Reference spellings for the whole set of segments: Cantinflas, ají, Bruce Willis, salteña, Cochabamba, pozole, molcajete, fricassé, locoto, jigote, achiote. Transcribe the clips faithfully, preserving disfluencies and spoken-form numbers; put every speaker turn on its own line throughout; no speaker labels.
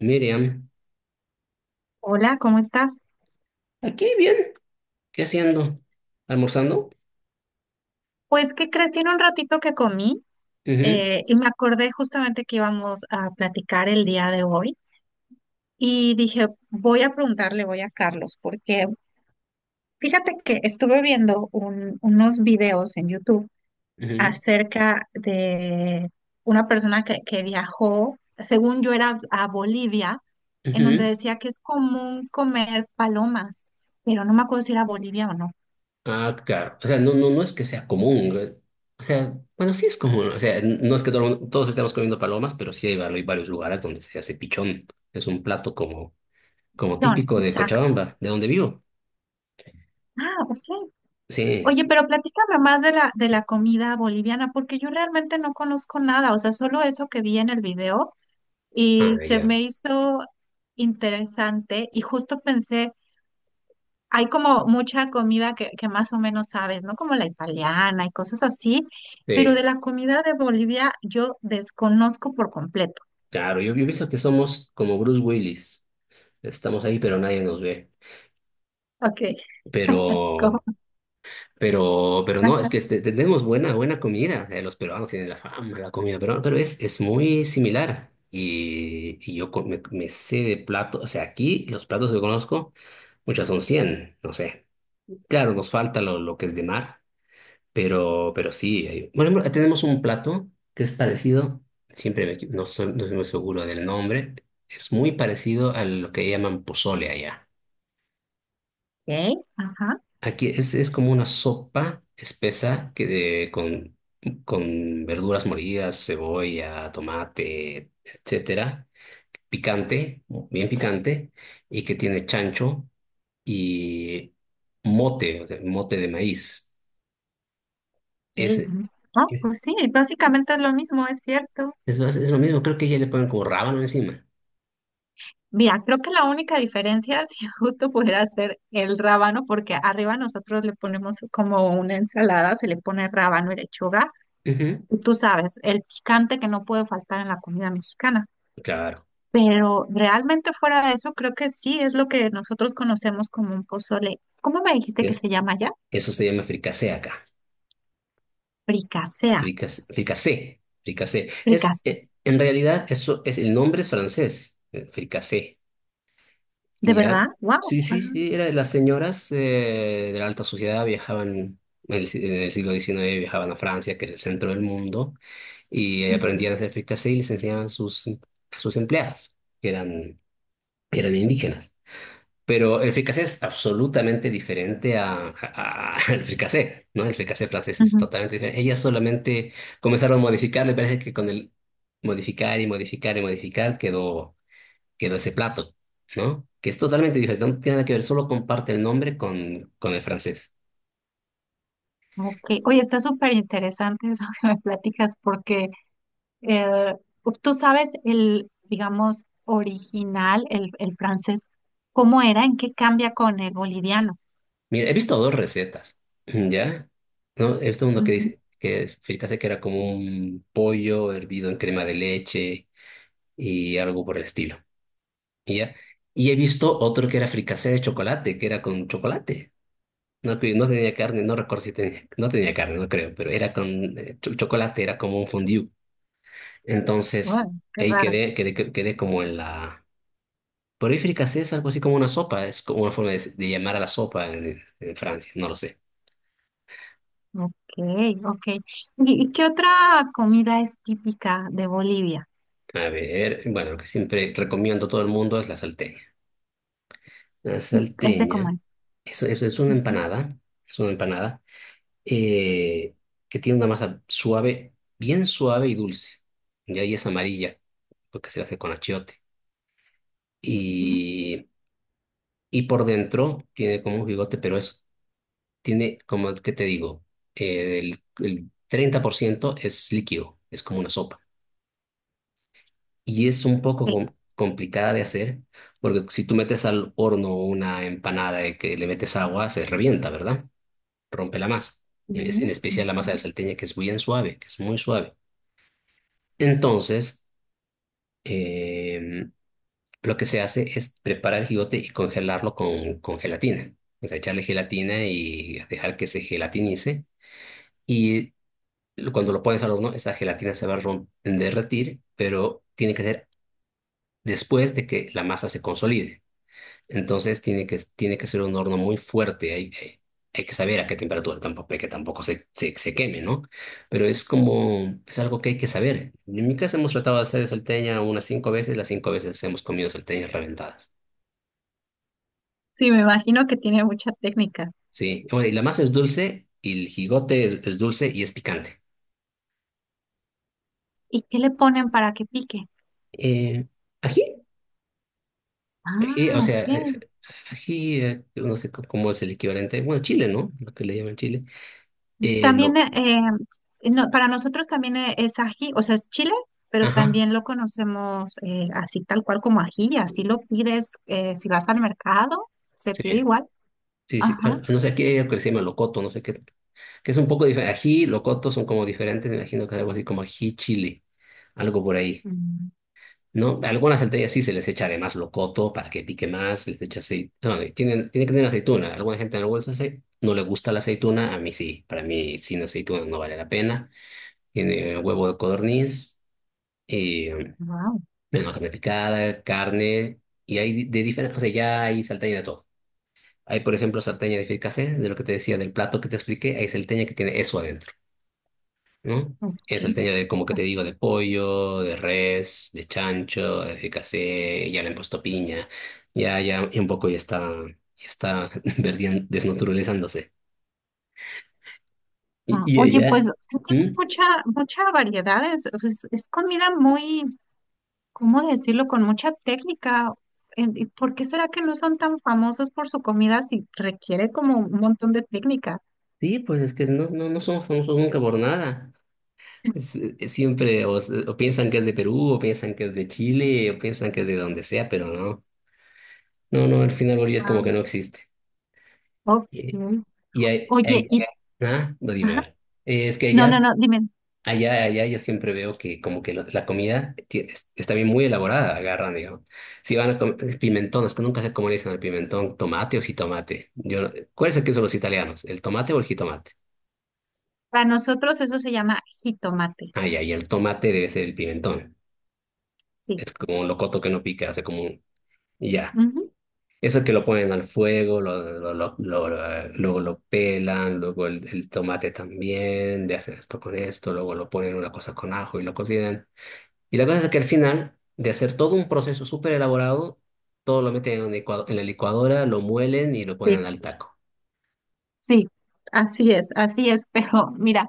Miriam,
Hola, ¿cómo estás?
aquí bien, ¿qué haciendo? ¿Almorzando?
Pues, ¿qué crees? Tiene un ratito que comí,
Ujú,
eh, y me acordé justamente que íbamos a platicar el día de hoy y dije, voy a preguntarle, voy a Carlos, porque fíjate que estuve viendo un- unos videos en YouTube
ujú,
acerca de una persona que, que viajó, según yo era a Bolivia, en donde
ujú.
decía que es común comer palomas, pero no me acuerdo si era Bolivia o no.
Ah, claro. O sea, no, no, no es que sea común. eh. O sea, bueno, sí es común. O sea, n- no es que todo el mundo- todos estemos comiendo palomas, pero sí hay vari- hay varios lugares donde se hace pichón. Es un plato como, como típico de
Exacto.
Cochabamba, de donde vivo.
Ah, ok.
Sí,
Oye,
sí,
pero platícame más de la, de
sí.
la comida boliviana, porque yo realmente no conozco nada, o sea, solo eso que vi en el video y
Ah,
se
ya.
me hizo interesante y justo pensé, hay como mucha comida que, que más o menos sabes, ¿no? Como la italiana y cosas así, pero de
Sí,
la comida de Bolivia yo desconozco por completo.
claro. Yo, yo he visto que somos como Bruce Willis. Estamos ahí, pero nadie nos ve.
Ok,
Pero
¿cómo?
Pero, pero no, es que este, tenemos buena, buena comida. Eh, los peruanos tienen la fama de la comida peruana, pero es, es muy similar. Y, y yo co- me, me sé de platos. O sea, aquí los platos que conozco, muchas son cien no sé. Claro, nos falta lo, lo que es de mar, pero, pero sí. hay- Por ejemplo, tenemos un plato que es parecido. Siempre me equi- no soy, no soy muy seguro del nombre, es muy parecido a lo que llaman pozole allá.
Ok, ajá.
Aquí es, es como una sopa espesa que de, con, con verduras molidas, cebolla, tomate, etcétera, picante, bien picante, y que tiene chancho y mote, o sea, mote de maíz.
Ok,
Es,
ujú. No,
es,
pues sí, básicamente es lo mismo, es cierto.
es más- es lo mismo, creo que ya le ponen como rábano encima.
Mira, creo que la única diferencia, si justo pudiera ser el rábano, porque arriba nosotros le ponemos como una ensalada, se le pone rábano y lechuga.
Ujú,
Y tú sabes, el picante que no puede faltar en la comida mexicana.
claro,
Pero realmente fuera de eso, creo que sí es lo que nosotros conocemos como un pozole. ¿Cómo me dijiste que
¿eh?
se llama ya?
Eso se llama fricasé acá.
Fricasea.
Fricas- Fricasé, fricasé. Es,
Fricasea.
eh, en realidad, eso es, el nombre es francés, eh, fricasé.
¿De
Y
verdad?
ya.
¡Wow!
Sí, sí, sí, era, las señoras eh, de la alta sociedad viajaban, en el, si- en el siglo diecinueve viajaban a Francia, que era el centro del mundo, y eh,
Ujú,
aprendían a hacer fricassé y les enseñaban a sus, a sus empleadas, que eran, eran indígenas. Pero el fricassé es absolutamente diferente a, a- a- al fricassé, ¿no? El fricassé francés es
ujú.
totalmente diferente. Ellas solamente comenzaron a modificar, me parece que con el modificar y modificar y modificar quedó quedó ese plato, ¿no? Que es totalmente diferente, no tiene nada que ver, solo comparte el nombre con, con el francés.
Ok. Oye, está súper interesante eso que me platicas porque. Eh, ¿tú sabes el, digamos, original, el, el francés, cómo era? ¿En qué cambia con el boliviano?
Mira, he visto dos recetas, ¿ya? ¿No? He visto uno que
Ujú.
dice, que fíjate que era como un pollo hervido en crema de leche y algo por el estilo, ¿ya? Y he visto otro que era fricasé de chocolate, que era con chocolate. No, que no tenía carne, no recuerdo si tenía, no tenía carne, no creo, pero era con eh, cho- chocolate, era como un fondue.
Bueno,
Entonces,
qué
ahí
raro.
quedé, quedé, quedé como en la. Pero fricasé es algo así como una sopa, es como una forma de, de llamar a la sopa en, en Francia, no lo sé.
Ok, ok. ¿Y, y qué otra comida es típica de Bolivia?
A ver, bueno, lo que siempre recomiendo a todo el mundo es la salteña. La
¿Y ese cómo
salteña
es?
eso es, es una
Ujú,
empanada, es una empanada, eh, que tiene una masa suave, bien suave y dulce. Y ahí es amarilla, porque se hace con achiote.
ujú.
Y, y por dentro tiene como un bigote, pero es, tiene, como qué te digo, eh, el, el treinta por ciento es líquido, es como una sopa. Y es un poco
Eh,
com- complicada de hacer, porque si tú metes al horno una empanada de que le metes agua, se revienta, ¿verdad? Rompe la masa. En, es-
ujú,
en especial la masa
ujú.
de salteña, que es bien suave, que es muy suave. Entonces, eh, lo que se hace es preparar el jigote y congelarlo con, con gelatina. O sea, echarle gelatina y dejar que se gelatinice. Y cuando lo pones al horno, esa gelatina se va a rom- derretir, pero tiene que ser después de que la masa se consolide. Entonces tiene que, tiene que ser un horno muy fuerte. Hay, hay, hay que saber a qué temperatura tampoco, que tampoco se, se, se queme, ¿no? Pero es como, es algo que hay que saber. En mi casa hemos tratado de hacer salteña unas cinco veces, las cinco veces hemos comido salteñas reventadas.
Sí, me imagino que tiene mucha técnica.
Sí, bueno, y la masa es dulce, y el jigote es, es dulce y es picante.
¿Y qué le ponen para que pique?
Eh, Ají, ají,
Ah,
o sea,
ok.
eh, ají, eh, no sé c- cómo es el equivalente. Bueno, chile, ¿no? Lo que le llaman chile. Eh,
También,
lo,
eh, eh, no, para nosotros también, eh, es ají, o sea, es chile, pero
ajá,
también lo conocemos, eh, así tal cual como ají, así lo pides, eh, si vas al mercado, se pide
sí.
igual.
Sí, sí.
Ajá.
Ah, no sé, aquí hay que se llama locoto, no sé qué, que es un poco diferente. Ají, locoto son como diferentes, me imagino que es algo así como ají chile, algo por ahí. ¿No? Algunas salteñas sí se les echa además locoto para que pique más, se les echa aceite. Bueno, y tienen, tiene que tener aceituna. Alguna gente no le gusta, ace- no le gusta la aceituna, a mí sí. Para mí sin aceituna no vale la pena. Tiene eh, huevo de codorniz, y, eh,
Wow,
bueno, carne picada, carne, y hay de diferentes, o sea, ya hay salteña de todo. Hay, por ejemplo, salteña de fricasé, de lo que te decía del plato que te expliqué, hay salteña que tiene eso adentro, ¿no? Es
ok.
salteña de, como que te digo, de pollo, de res, de chancho, de fricasé, ya le han puesto piña, ya, ya, y un poco ya está, ya está verdian- desnaturalizándose. Y,
Ah,
y
oye,
allá.
pues tiene
¿Mm?
mucha, mucha variedad, es, o sea, es- es comida muy, ¿cómo decirlo? Con mucha técnica. En- ¿y ¿Por qué será que no son tan famosos por su comida si requiere como un montón de técnica?
Sí, pues es que no, no, no somos famosos nunca por nada. Es- es siempre o, s- o piensan que es de Perú, o piensan que es de Chile, o piensan que es de donde sea, pero no. No, no, al final Bolivia es como
Ah,
que no existe.
ok.
Y ahí-
Oye,
ahí-
y
ah, no, dime, a
ajá.
ver. Eh, Es que
No, no,
allá,
no, dime.
allá, allá yo siempre veo que como que la, la comida ti- es- está bien muy elaborada, agarran, digamos. Si van a comer pimentón, es que nunca sé cómo le dicen al pimentón, tomate o jitomate. Yo, no- ¿Cuál es el que usan los italianos? ¿El tomate o el jitomate?
Para nosotros eso se llama jitomate.
Ah, ya, y el tomate debe ser el pimentón.
Sí.
Es como un locoto que no pica, o sea, como un, y ya.
Ujú.
Eso que lo ponen al fuego, lo, lo, lo, lo- lo- luego lo pelan, luego el, el tomate también, le hacen esto con esto, luego lo ponen una cosa con ajo y lo cocinan. Y la cosa es que al final, de hacer todo un proceso súper elaborado, todo lo meten en, un licuado- en la licuadora, lo muelen y lo
Sí,
ponen al taco.
sí. Así es, así es. Pero mira,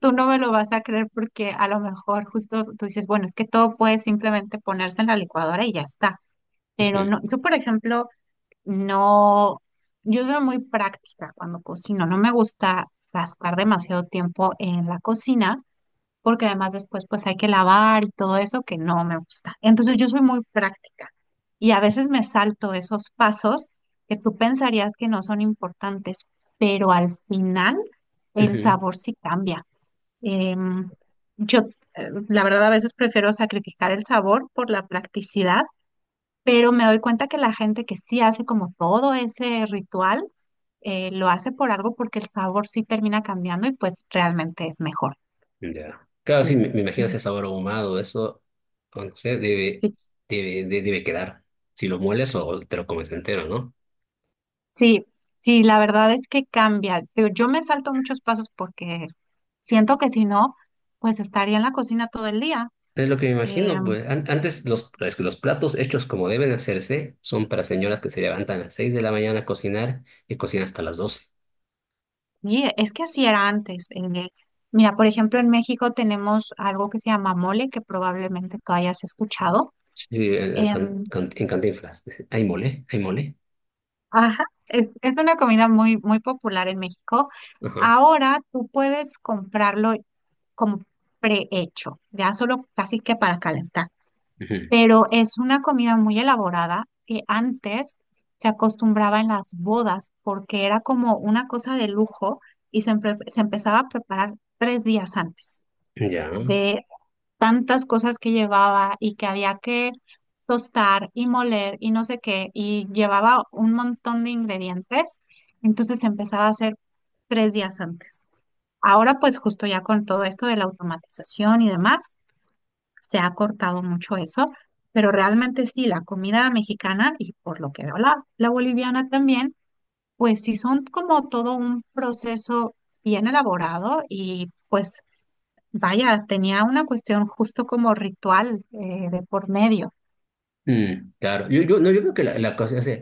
tú no me lo vas a creer porque a lo mejor justo tú dices, bueno, es que todo puede simplemente ponerse en la licuadora y ya está. Pero
Ujú,
no, yo por ejemplo, no, yo soy muy práctica cuando cocino. No me gusta gastar demasiado tiempo en la cocina, porque además después pues hay que lavar y todo eso que no me gusta. Entonces yo soy muy práctica y a veces me salto esos pasos que tú pensarías que no son importantes, pero al final el
ujú.
sabor sí cambia. Em, yo, eh, la verdad a veces prefiero sacrificar el sabor por la practicidad, pero me doy cuenta que la gente que sí hace como todo ese ritual, eh, lo hace por algo porque el sabor sí termina cambiando y pues realmente es mejor.
Ya. Claro, sí,
Sí.
me, me imagino
Mm.
ese sabor ahumado, eso, o no sé, debe,
Sí,
debe, de- debe quedar. Si lo mueles o te lo comes entero, ¿no?
sí, sí, la verdad es que cambia. Pero yo me salto muchos pasos porque siento que si no, pues estaría en la cocina todo el día.
Es lo que me
Eh,
imagino, pues an- antes los, es que los platos hechos como deben de hacerse son para señoras que se levantan a las seis de la mañana a cocinar y cocinan hasta las doce.
y es que así era antes. eh, mira, por ejemplo, en México tenemos algo que se llama mole, que probablemente tú hayas escuchado.
Sí, eh, can-
Em,
can- en Cantinflas. Hay mole, hay mole.
ajá, es, es una comida muy, muy popular en México.
Ajá.
Ahora tú puedes comprarlo como prehecho, ya solo casi que para calentar.
Ujú.
Pero es una comida muy elaborada que antes se acostumbraba en las bodas porque era como una cosa de lujo y se, empe- se empezaba a preparar tres días antes
Ya.
de tantas cosas que llevaba y que había que tostar y moler y no sé qué y llevaba un montón de ingredientes, entonces se empezaba a hacer tres días antes. Ahora pues justo ya con todo esto de la automatización y demás se ha cortado mucho eso, pero realmente sí, la comida mexicana y por lo que veo la, la boliviana también, pues sí son como todo un proceso bien elaborado y pues vaya, tenía una cuestión justo como ritual, eh, de por medio.
Mm, claro, yo, yo, no, yo creo que la, la cosa, o sea,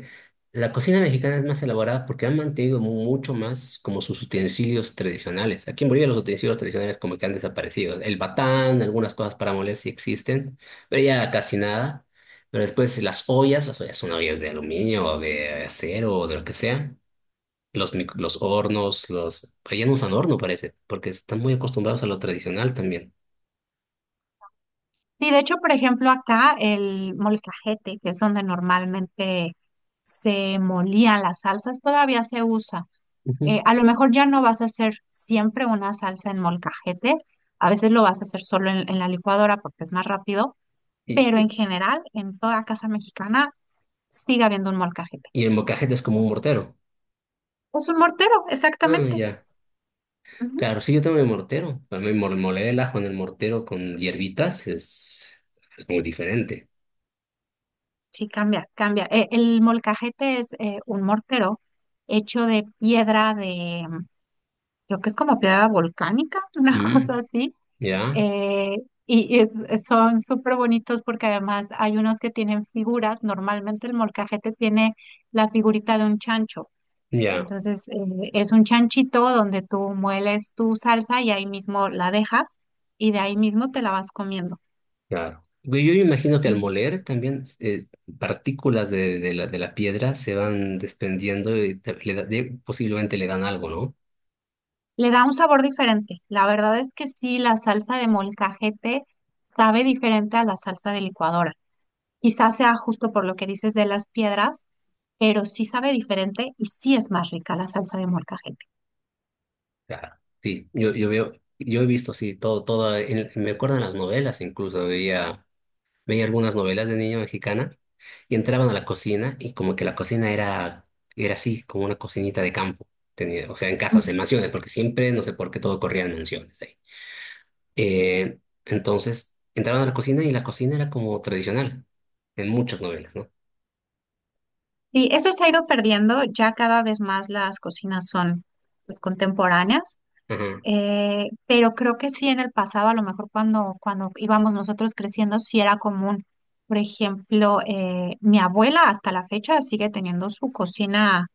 la cocina mexicana es más elaborada porque han mantenido mu- mucho más como sus utensilios tradicionales. Aquí en Bolivia los utensilios tradicionales como que han desaparecido. El batán, algunas cosas para moler sí existen, pero ya casi nada. Pero después las ollas, las ollas son ollas de aluminio o de acero o de lo que sea. Los, mic- los hornos, los... Pero ya no usan horno, parece, porque están muy acostumbrados a lo tradicional también.
Sí, de hecho, por ejemplo, acá el molcajete, que es donde normalmente se molían las salsas, todavía se usa.
Ujú.
Eh, a lo mejor ya no vas a hacer siempre una salsa en molcajete, a veces lo vas a hacer solo en, en la licuadora porque es más rápido,
Y,
pero
y
en general, en toda casa mexicana, sigue habiendo un molcajete.
y el molcajete es como un
Es,
mortero.
es un mortero,
Ah,
exactamente.
ya.
Ujú.
Claro, sí, yo tengo mi mortero. También mol- moler el ajo en el mortero con hierbitas es, es muy diferente.
Sí, cambia, cambia. Eh, el molcajete es, eh, un mortero hecho de piedra de, creo que es como piedra volcánica, una cosa
Mm,
así.
ya,
Eh, y y es- son súper bonitos porque además hay unos que tienen figuras. Normalmente el molcajete tiene la figurita de un chancho.
ya,
Entonces, eh, es un chanchito donde tú mueles tu salsa y ahí mismo la dejas y de ahí mismo te la vas comiendo.
claro. Yo, yo imagino que al
Ujú.
moler también eh, partículas de, de la, de la piedra se van desprendiendo y te- le da- de- posiblemente le dan algo, ¿no?
Le da un sabor diferente. La verdad es que sí, la salsa de molcajete sabe diferente a la salsa de licuadora. Quizás sea justo por lo que dices de las piedras, pero sí sabe diferente y sí es más rica la salsa de molcajete.
Claro. Sí, yo, yo veo, yo he visto, sí, todo, todo, en- me acuerdo en las novelas incluso, veía. veía algunas novelas de niño mexicanas y entraban a la cocina y como que la cocina era, era así, como una cocinita de campo. Tenía, o sea, en casas,
Ujú.
en mansiones, porque siempre, no sé por qué, todo corría en mansiones ahí. Eh, entonces, entraban a la cocina y la cocina era como tradicional en muchas novelas, ¿no?
Sí, eso se ha ido perdiendo, ya cada vez más las cocinas son pues, contemporáneas,
Ajá.
eh, pero creo que sí en el pasado, a lo mejor cuando, cuando íbamos nosotros creciendo, sí era común. Por ejemplo, eh, mi abuela hasta la fecha sigue teniendo su cocina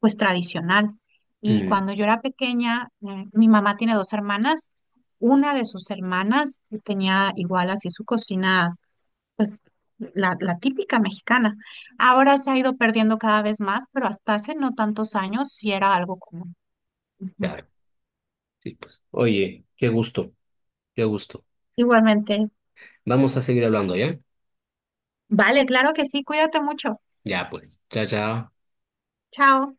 pues tradicional. Y
Mm,
cuando yo era pequeña, eh, mi mamá tiene dos hermanas. Una de sus hermanas tenía igual así su cocina, pues la, la típica mexicana. Ahora se ha ido perdiendo cada vez más, pero hasta hace no tantos años sí era algo común. Ujú.
claro, sí, pues. Oye, qué gusto, qué gusto.
Igualmente.
Vamos a seguir hablando, ¿ya?
Vale, claro que sí, cuídate mucho.
Ya, pues. Chao, chao.
Chao.